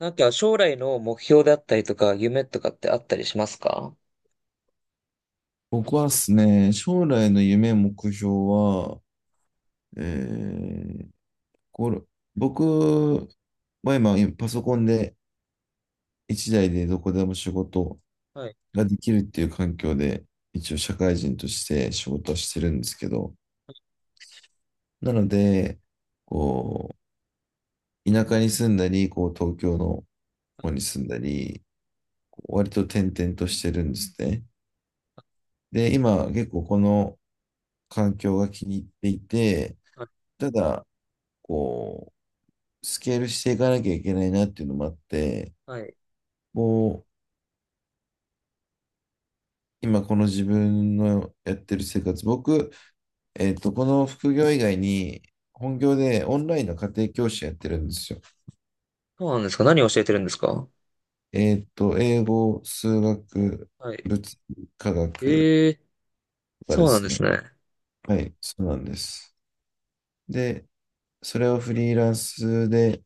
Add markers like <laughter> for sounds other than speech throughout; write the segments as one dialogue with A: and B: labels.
A: なんか将来の目標であったりとか、夢とかってあったりしますか？
B: 僕はですね、将来の夢、目標は、えー、これ、僕は今、パソコンで一台でどこでも仕事
A: はい。
B: ができるっていう環境で、一応社会人として仕事はしてるんですけど、なので、こう、田舎に住んだり、こう、東京の方に住んだり、こう割と転々としてるんですね。で、今、結構この環境が気に入っていて、
A: はい。
B: ただ、こう、スケールしていかなきゃいけないなっていうのもあって、
A: はい。
B: もう今この自分のやってる生活、僕、この副業以外に本業でオンラインの家庭教師やってるんですよ。
A: そうなんですか？何を教えてるんですか？
B: 英語、数学、
A: はい。
B: 物理、科学
A: ええ、
B: とかで
A: そうなん
B: す
A: です
B: ね。
A: ね。
B: はい、そうなんです。で、それをフリーランスで、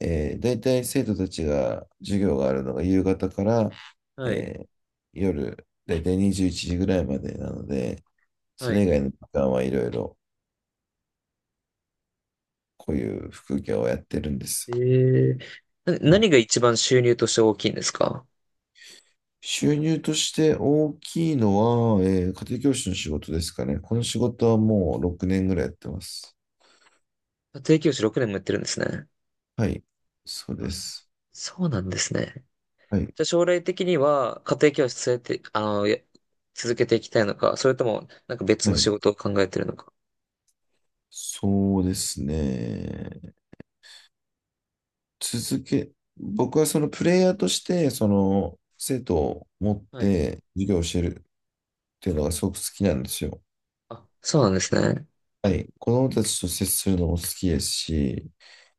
B: 大体生徒たちが授業があるのが夕方から、
A: はい。
B: えー夜、大体21時ぐらいまでなので、そ
A: は
B: れ
A: い。
B: 以外の時間はいろいろこういう副業をやってるんです。
A: ええ、な
B: うん、
A: 何が一番収入として大きいんですか？
B: 収入として大きいのは、家庭教師の仕事ですかね。この仕事はもう6年ぐらいやってます。
A: 家庭教師6年もやってるんですね。
B: はい。そうで
A: あ、
B: す。
A: そうなんですね。
B: はい。
A: じゃあ将来的には家庭教師続けて、あの、続けていきたいのか、それともなんか別
B: は
A: の
B: い。
A: 仕事を考えてるのか。
B: そうですね。続け、僕はそのプレイヤーとして、その生徒を持っ
A: はい。
B: て授業を教えるっていうのがすごく好きなんですよ。
A: あ、そうなんですね。
B: はい。子供たちと接するのも好きですし、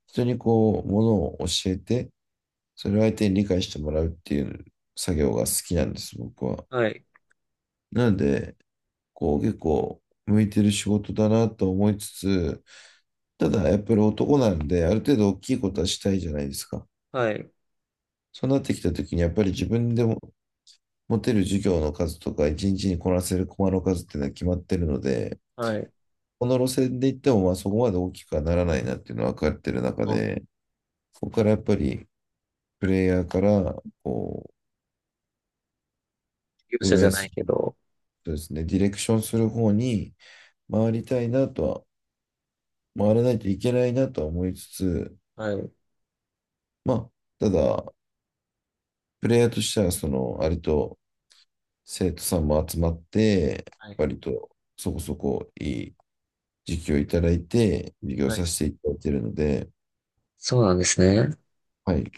B: 人にこう、ものを教えて、それを相手に理解してもらうっていう作業が好きなんです、僕は。
A: はい。
B: なので、こう結構向いてる仕事だなと思いつつ、ただやっぱり男なんで、ある程度大きいことはしたいじゃないですか。
A: はい。
B: そうなってきた時に、やっぱり自分でも持てる授業の数とか、一日にこなせるコマの数っていうのは決まってるので、
A: はい。
B: この路線で行っても、まあそこまで大きくはならないなっていうのは分かってる中
A: あ、
B: で、ここからやっぱりプレイヤーからこ
A: 業
B: う
A: 者
B: 運
A: じゃ
B: 営
A: な
B: す
A: い
B: る、
A: けど。
B: そうですね、ディレクションする方に、回りたいなとは、回らないといけないなとは思いつつ、
A: はい。
B: まあ、ただ、プレイヤーとしては、その、あれと生徒さんも集まって、
A: はい。
B: 割とそこそこいい時期をいただいて、授業
A: は
B: さ
A: い。
B: せていただいているので、
A: そうなんですね。
B: はい、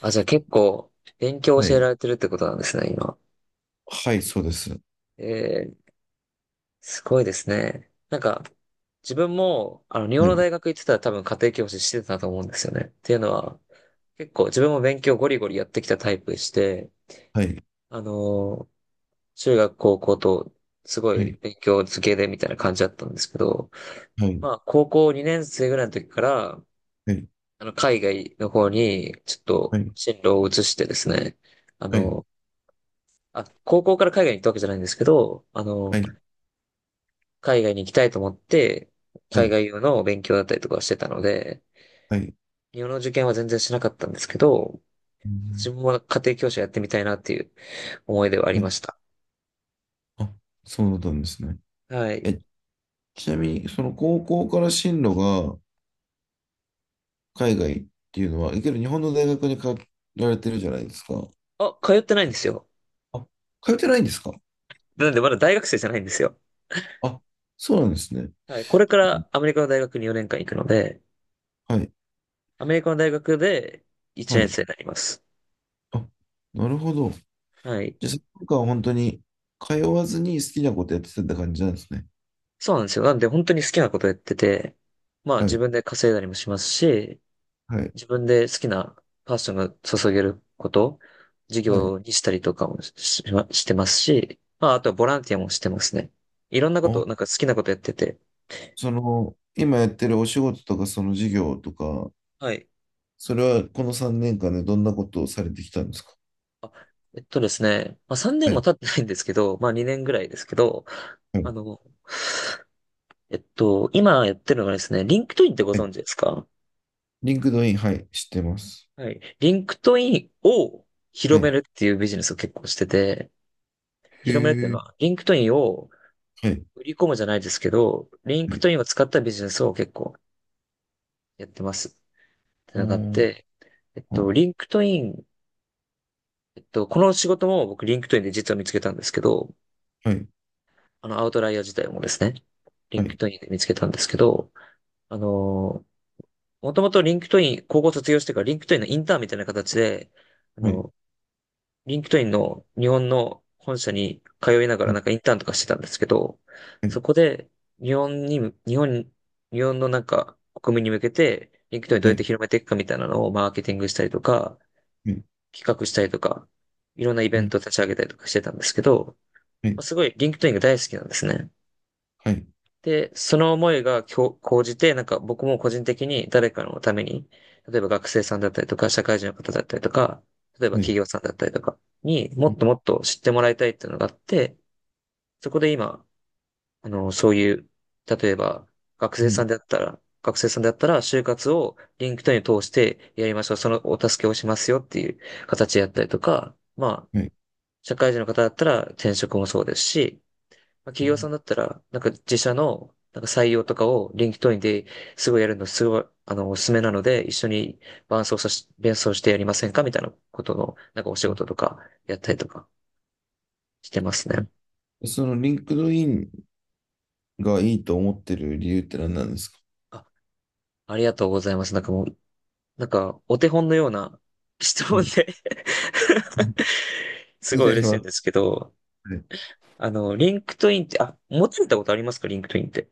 A: あ、じゃあ結構、勉強を
B: は
A: 教えら
B: い、
A: れてるってことなんですね、今。
B: はい、そうです。
A: えー、すごいですね。なんか、自分も、あの、日本
B: は
A: の
B: い、
A: 大学行ってたら多分家庭教師してたと思うんですよね。っていうのは、結構自分も勉強ゴリゴリやってきたタイプでして、
B: はい、
A: あのー、中学、高校と、すご
B: は
A: い
B: い、
A: 勉強漬けでみたいな感じだったんですけど、
B: はい、
A: まあ、高校2年生ぐらいの時から、
B: はい、
A: あの、海外の方に、ちょっ
B: は
A: と、
B: い、
A: 進路を移してですね、あ
B: はい、
A: の、あ、高校から海外に行ったわけじゃないんですけど、あ
B: は
A: の、
B: い、
A: 海外に行きたいと思って、
B: は
A: 海
B: い、
A: 外用の勉強だったりとかしてたので、
B: はい、
A: 日本の受験は全然しなかったんですけど、
B: う
A: 自
B: ん、
A: 分は家庭教師やってみたいなっていう思いではあり
B: は
A: ま
B: い、
A: した。
B: あ、そうだったんですね。
A: はい。
B: え、ちなみに、その高校から進路が、海外っていうのは、いける日本の大学に通られてるじゃないですか。
A: あ、通ってないんですよ。
B: あ、通ってないんですか？
A: なんでまだ大学生じゃないんですよ。
B: あ、そうなんですね。
A: はい。これからアメリカの大学に4年間行くので、
B: はい、
A: アメリカの大学で1
B: は
A: 年
B: い。
A: 生になります。
B: あ、なるほど。
A: はい。
B: じゃあ、その間は本当に通わずに好きなことやってたって感じなんですね。
A: そうなんですよ。なんで本当に好きなことやってて、まあ
B: は
A: 自
B: い、
A: 分で稼いだりもしますし、
B: はい、
A: 自分で好きなパッションが注げること、事
B: はい。
A: 業にしたりとかもししてますし、まああとはボランティアもしてますね。いろんなこ
B: あ、
A: と、なんか好きなことやってて。
B: その、今やってるお仕事とか、その事業とか、
A: はい。
B: それはこの3年間でどんなことをされてきたんですか？
A: あ、えっとですね、まあ3年
B: は
A: も
B: い、
A: 経ってないんですけど、まあ2年ぐらいですけど、
B: は
A: あ
B: い、
A: の、今やってるのがですね、リンクトインってご
B: は
A: 存
B: い。
A: 知ですか？
B: リンクドイン、はい、知ってます。
A: はい。リンクトインを
B: は
A: 広め
B: い。
A: るっていうビジネスを結構してて、広めるってい
B: へ
A: うの
B: え、
A: は、リンクトインを
B: はい、
A: 売り込むじゃないですけど、リン
B: は
A: ク
B: い。
A: トインを使ったビジネスを結構やってますって
B: あ
A: のがあっ
B: ー、
A: て、えっと、
B: あ、
A: リンクトイン、えっと、この仕事も僕リンクトインで実は見つけたんですけど、
B: はい、
A: あの、アウトライヤー自体もですね、リ
B: は
A: ンク
B: い、
A: トインで見つけたんですけど、あの、もともとリンクトイン、高校卒業してからリンクトインのインターンみたいな形で、あ
B: はい、
A: の、リンクトインの日本の本社に通いながら
B: は
A: な
B: い、
A: んかインターンとかしてたんですけど、
B: は
A: そ
B: い、
A: こで日本に、日本、日本のなんか国民に向けて、リンクトインどう
B: は
A: やっ
B: い、
A: て
B: は
A: 広めていくかみたいなのをマーケティングしたりとか、
B: い、
A: 企画したりとか、いろんなイベ
B: う
A: ン
B: ん、
A: ト立ち上げたりとかしてたんですけど、
B: は
A: まあ
B: い、
A: すごいリンクトインが大好きなんですね。
B: はい、
A: で、その思いが今日じて、なんか僕も個人的に誰かのために、例えば学生さんだったりとか、社会人の方だったりとか、例えば
B: はい、
A: 企業さんだったりとかにも
B: う
A: っ
B: ん、
A: ともっと知ってもらいたいっていうのがあって、そこで今、あの、そういう、例えば学生
B: は
A: さ
B: い、
A: んであったら、学生さんであったら、就活をリンクトインを通してやりましょう。そのお助けをしますよっていう形でやったりとか、まあ、
B: はい。
A: 社会人の方だったら転職もそうですし、まあ、
B: う
A: 企業
B: ん、
A: さんだったら、なんか自社のなんか採用とかを LinkedIn ですごいやるのすごい、あの、おすすめなので、一緒に伴奏してやりませんかみたいなことの、なんかお仕
B: うん、
A: 事とかやったりとかしてます
B: う
A: ね。
B: ん、その、リンクドインがいいと思ってる理由って何なんですか？
A: あ、ありがとうございます。なんかもう、なんかお手本のような <laughs> 質
B: は
A: 問
B: い。
A: で <laughs> す
B: に
A: ごい
B: なり
A: 嬉しい
B: ま
A: んです
B: す。
A: けど、
B: はい。
A: あの、LinkedIn って、あ、持ってたことありますか？ LinkedIn って。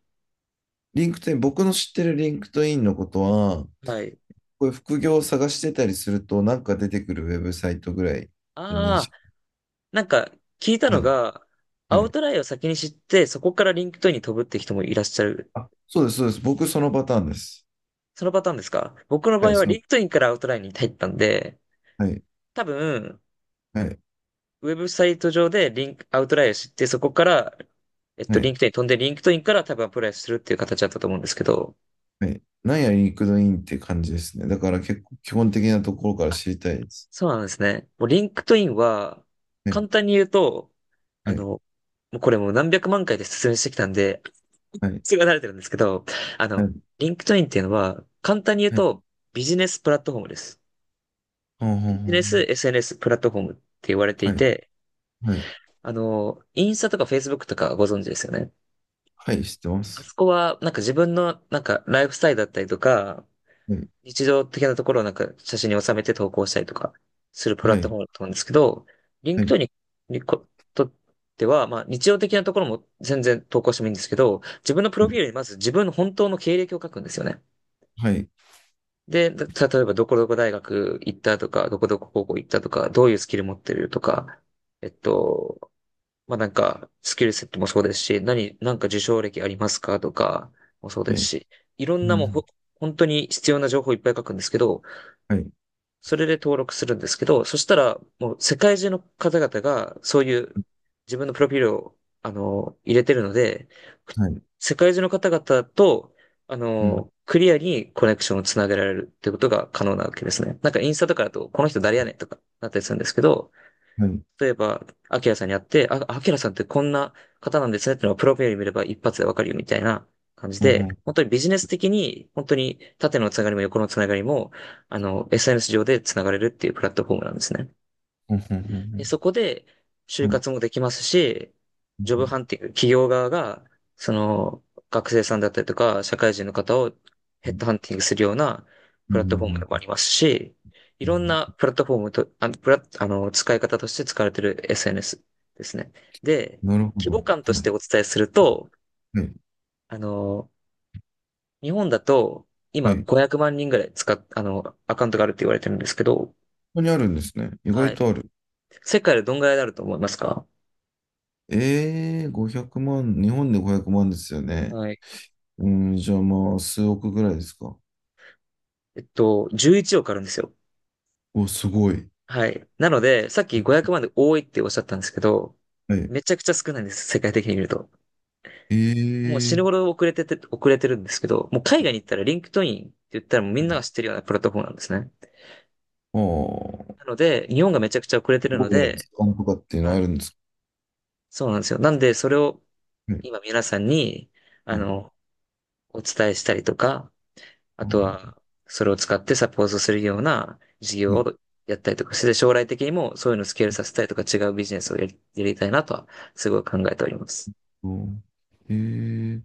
B: リンクトイン、僕の知ってるリンクトインのことは、
A: はい。
B: こういう副業を探してたりすると、なんか出てくるウェブサイトぐらいの認
A: ああ、
B: 識。
A: なんか、聞いた
B: は
A: の
B: い、
A: が、ア
B: は
A: ウ
B: い。
A: トラインを先に知って、そこからリンクトインに飛ぶって人もいらっしゃる。
B: あ、そうです、そうです。僕、そのパターンです。
A: そのパターンですか？僕の
B: は
A: 場
B: い、
A: 合は
B: そ
A: リ
B: の、
A: ンクトインからアウトラインに入ったんで、
B: はい、
A: 多分、
B: はい、
A: ウェブサイト上でリンク、アウトラインを知って、そこから、
B: は
A: リ
B: い。
A: ンクトインに飛んで、リンクトインから多分アプライするっていう形だったと思うんですけど、
B: はい。なんやリンクドインって感じですね。だから結構基本的なところから
A: あ、
B: 知りたいです。
A: そうなんですね。もうリンクトインは、
B: は
A: 簡
B: い、
A: 単に言うと、
B: は
A: あの、
B: い、
A: もうこれもう何百万回で説明してきたんで、
B: はい、
A: すごい慣れてるんですけど、あ
B: は
A: の、
B: い、
A: リンクトインっていうのは、簡単に言う
B: はい、
A: と、ビジネスプラットフォームです。
B: ほんほ
A: ビ
B: んほ
A: ジネス
B: ん、
A: SNS プラットフォームって言われて
B: は
A: い
B: い、
A: て、
B: はい、
A: あの、インスタとかフェイスブックとかご存知ですよね。
B: はい、知ってま
A: あ
B: す。
A: そこは、なんか自分の、なんかライフスタイルだったりとか、
B: はい、
A: 日常的なところをなんか写真に収めて投稿したりとかするプラ
B: は
A: ットフ
B: い、
A: ォームだと思うんですけど、リン
B: は
A: クトイ
B: い、
A: ンににことっては、まあ日常的なところも全然投稿してもいいんですけど、自分のプ
B: は
A: ロフィー
B: い、
A: ルにまず自分の本当の経歴を書くんですよね。
B: はい、
A: で、例えばどこどこ大学行ったとか、どこどこ高校行ったとか、どういうスキル持ってるとか、えっと、まあ、なんか、スキルセットもそうですし、なんか受賞歴ありますかとかもそうです
B: ね、
A: し、いろん
B: う
A: なもうほ、
B: ん、
A: 本当に必要な情報いっぱい書くんですけど、
B: はい、
A: それで登録するんですけど、そしたら、もう世界中の方々が、そういう自分のプロフィールを、あの、入れてるので、
B: はい、
A: 世界中の方々と、あ
B: う
A: の、
B: ん、
A: クリアにコネクションをつなげられるってことが可能なわけですね。なんかインスタとかだと、この人誰やねんとかなったりするんですけど、
B: はい、
A: 例えば、アキラさんに会って、あ、アキラさんってこんな方なんですねっていうのがプロフィール見れば一発でわかるよみたいな感じ
B: ほん
A: で、
B: ほ
A: 本
B: ん
A: 当にビジネス的に、本当に縦のつながりも横のつながりも、あの、SNS 上でつながれるっていうプラットフォームなんですね。
B: ほんほんほ
A: で、
B: ん
A: そこで
B: ほ
A: 就
B: ん、はい、
A: 活もできますし、ジョ
B: うん、
A: ブ
B: うん、
A: ハンティング、企業側が、その、学生さんだったりとか、社会人の方をヘッドハンティングするような
B: う
A: プラットフォームで
B: ん、
A: もありますし、い
B: う
A: ろん
B: ん、
A: なプラットフォームと、あ、あの、使い方として使われている SNS ですね。で、
B: なるほ
A: 規模
B: ど。
A: 感とし
B: はい、
A: てお伝えすると、
B: はい、
A: あの、日本だと、
B: は
A: 今
B: い。こ
A: 500万人ぐらいあの、アカウントがあるって言われてるんですけど、
B: こにあるんですね。意
A: は
B: 外
A: い。
B: とある。
A: 世界でどんぐらいになると思いますか？
B: 500万、日本で500万ですよね。
A: はい。
B: うん、じゃあまあ、数億ぐらいですか？
A: 11億あるんですよ。
B: お、すごい。
A: はい。なので、さっき500万で多いっておっしゃったんですけど、
B: はい。
A: めちゃくちゃ少ないんです、世界的に見ると。
B: え
A: もう
B: え
A: 死ぬほ
B: ー、
A: ど遅れてるんですけど、もう海外に行ったらリンクトインって言ったらもうみ
B: は
A: んな
B: い、
A: が知ってるようなプラットフォームなんですね。
B: ああ、
A: なので、日本がめちゃくちゃ遅れてる
B: ど
A: の
B: こで
A: で、
B: スカンとかっていうの
A: は
B: あ
A: い。
B: るんですか？
A: そうなんですよ。なんで、それを
B: はい。
A: 今皆さんに、あ
B: はい。
A: の、お伝えしたりとか、あと
B: は
A: は、それを使ってサポートするような事
B: い。
A: 業をやったりとかして、将来的にもそういうのをスケールさせたりとか違うビジネスをやりたいなとは、すごい考えております。
B: と、ええ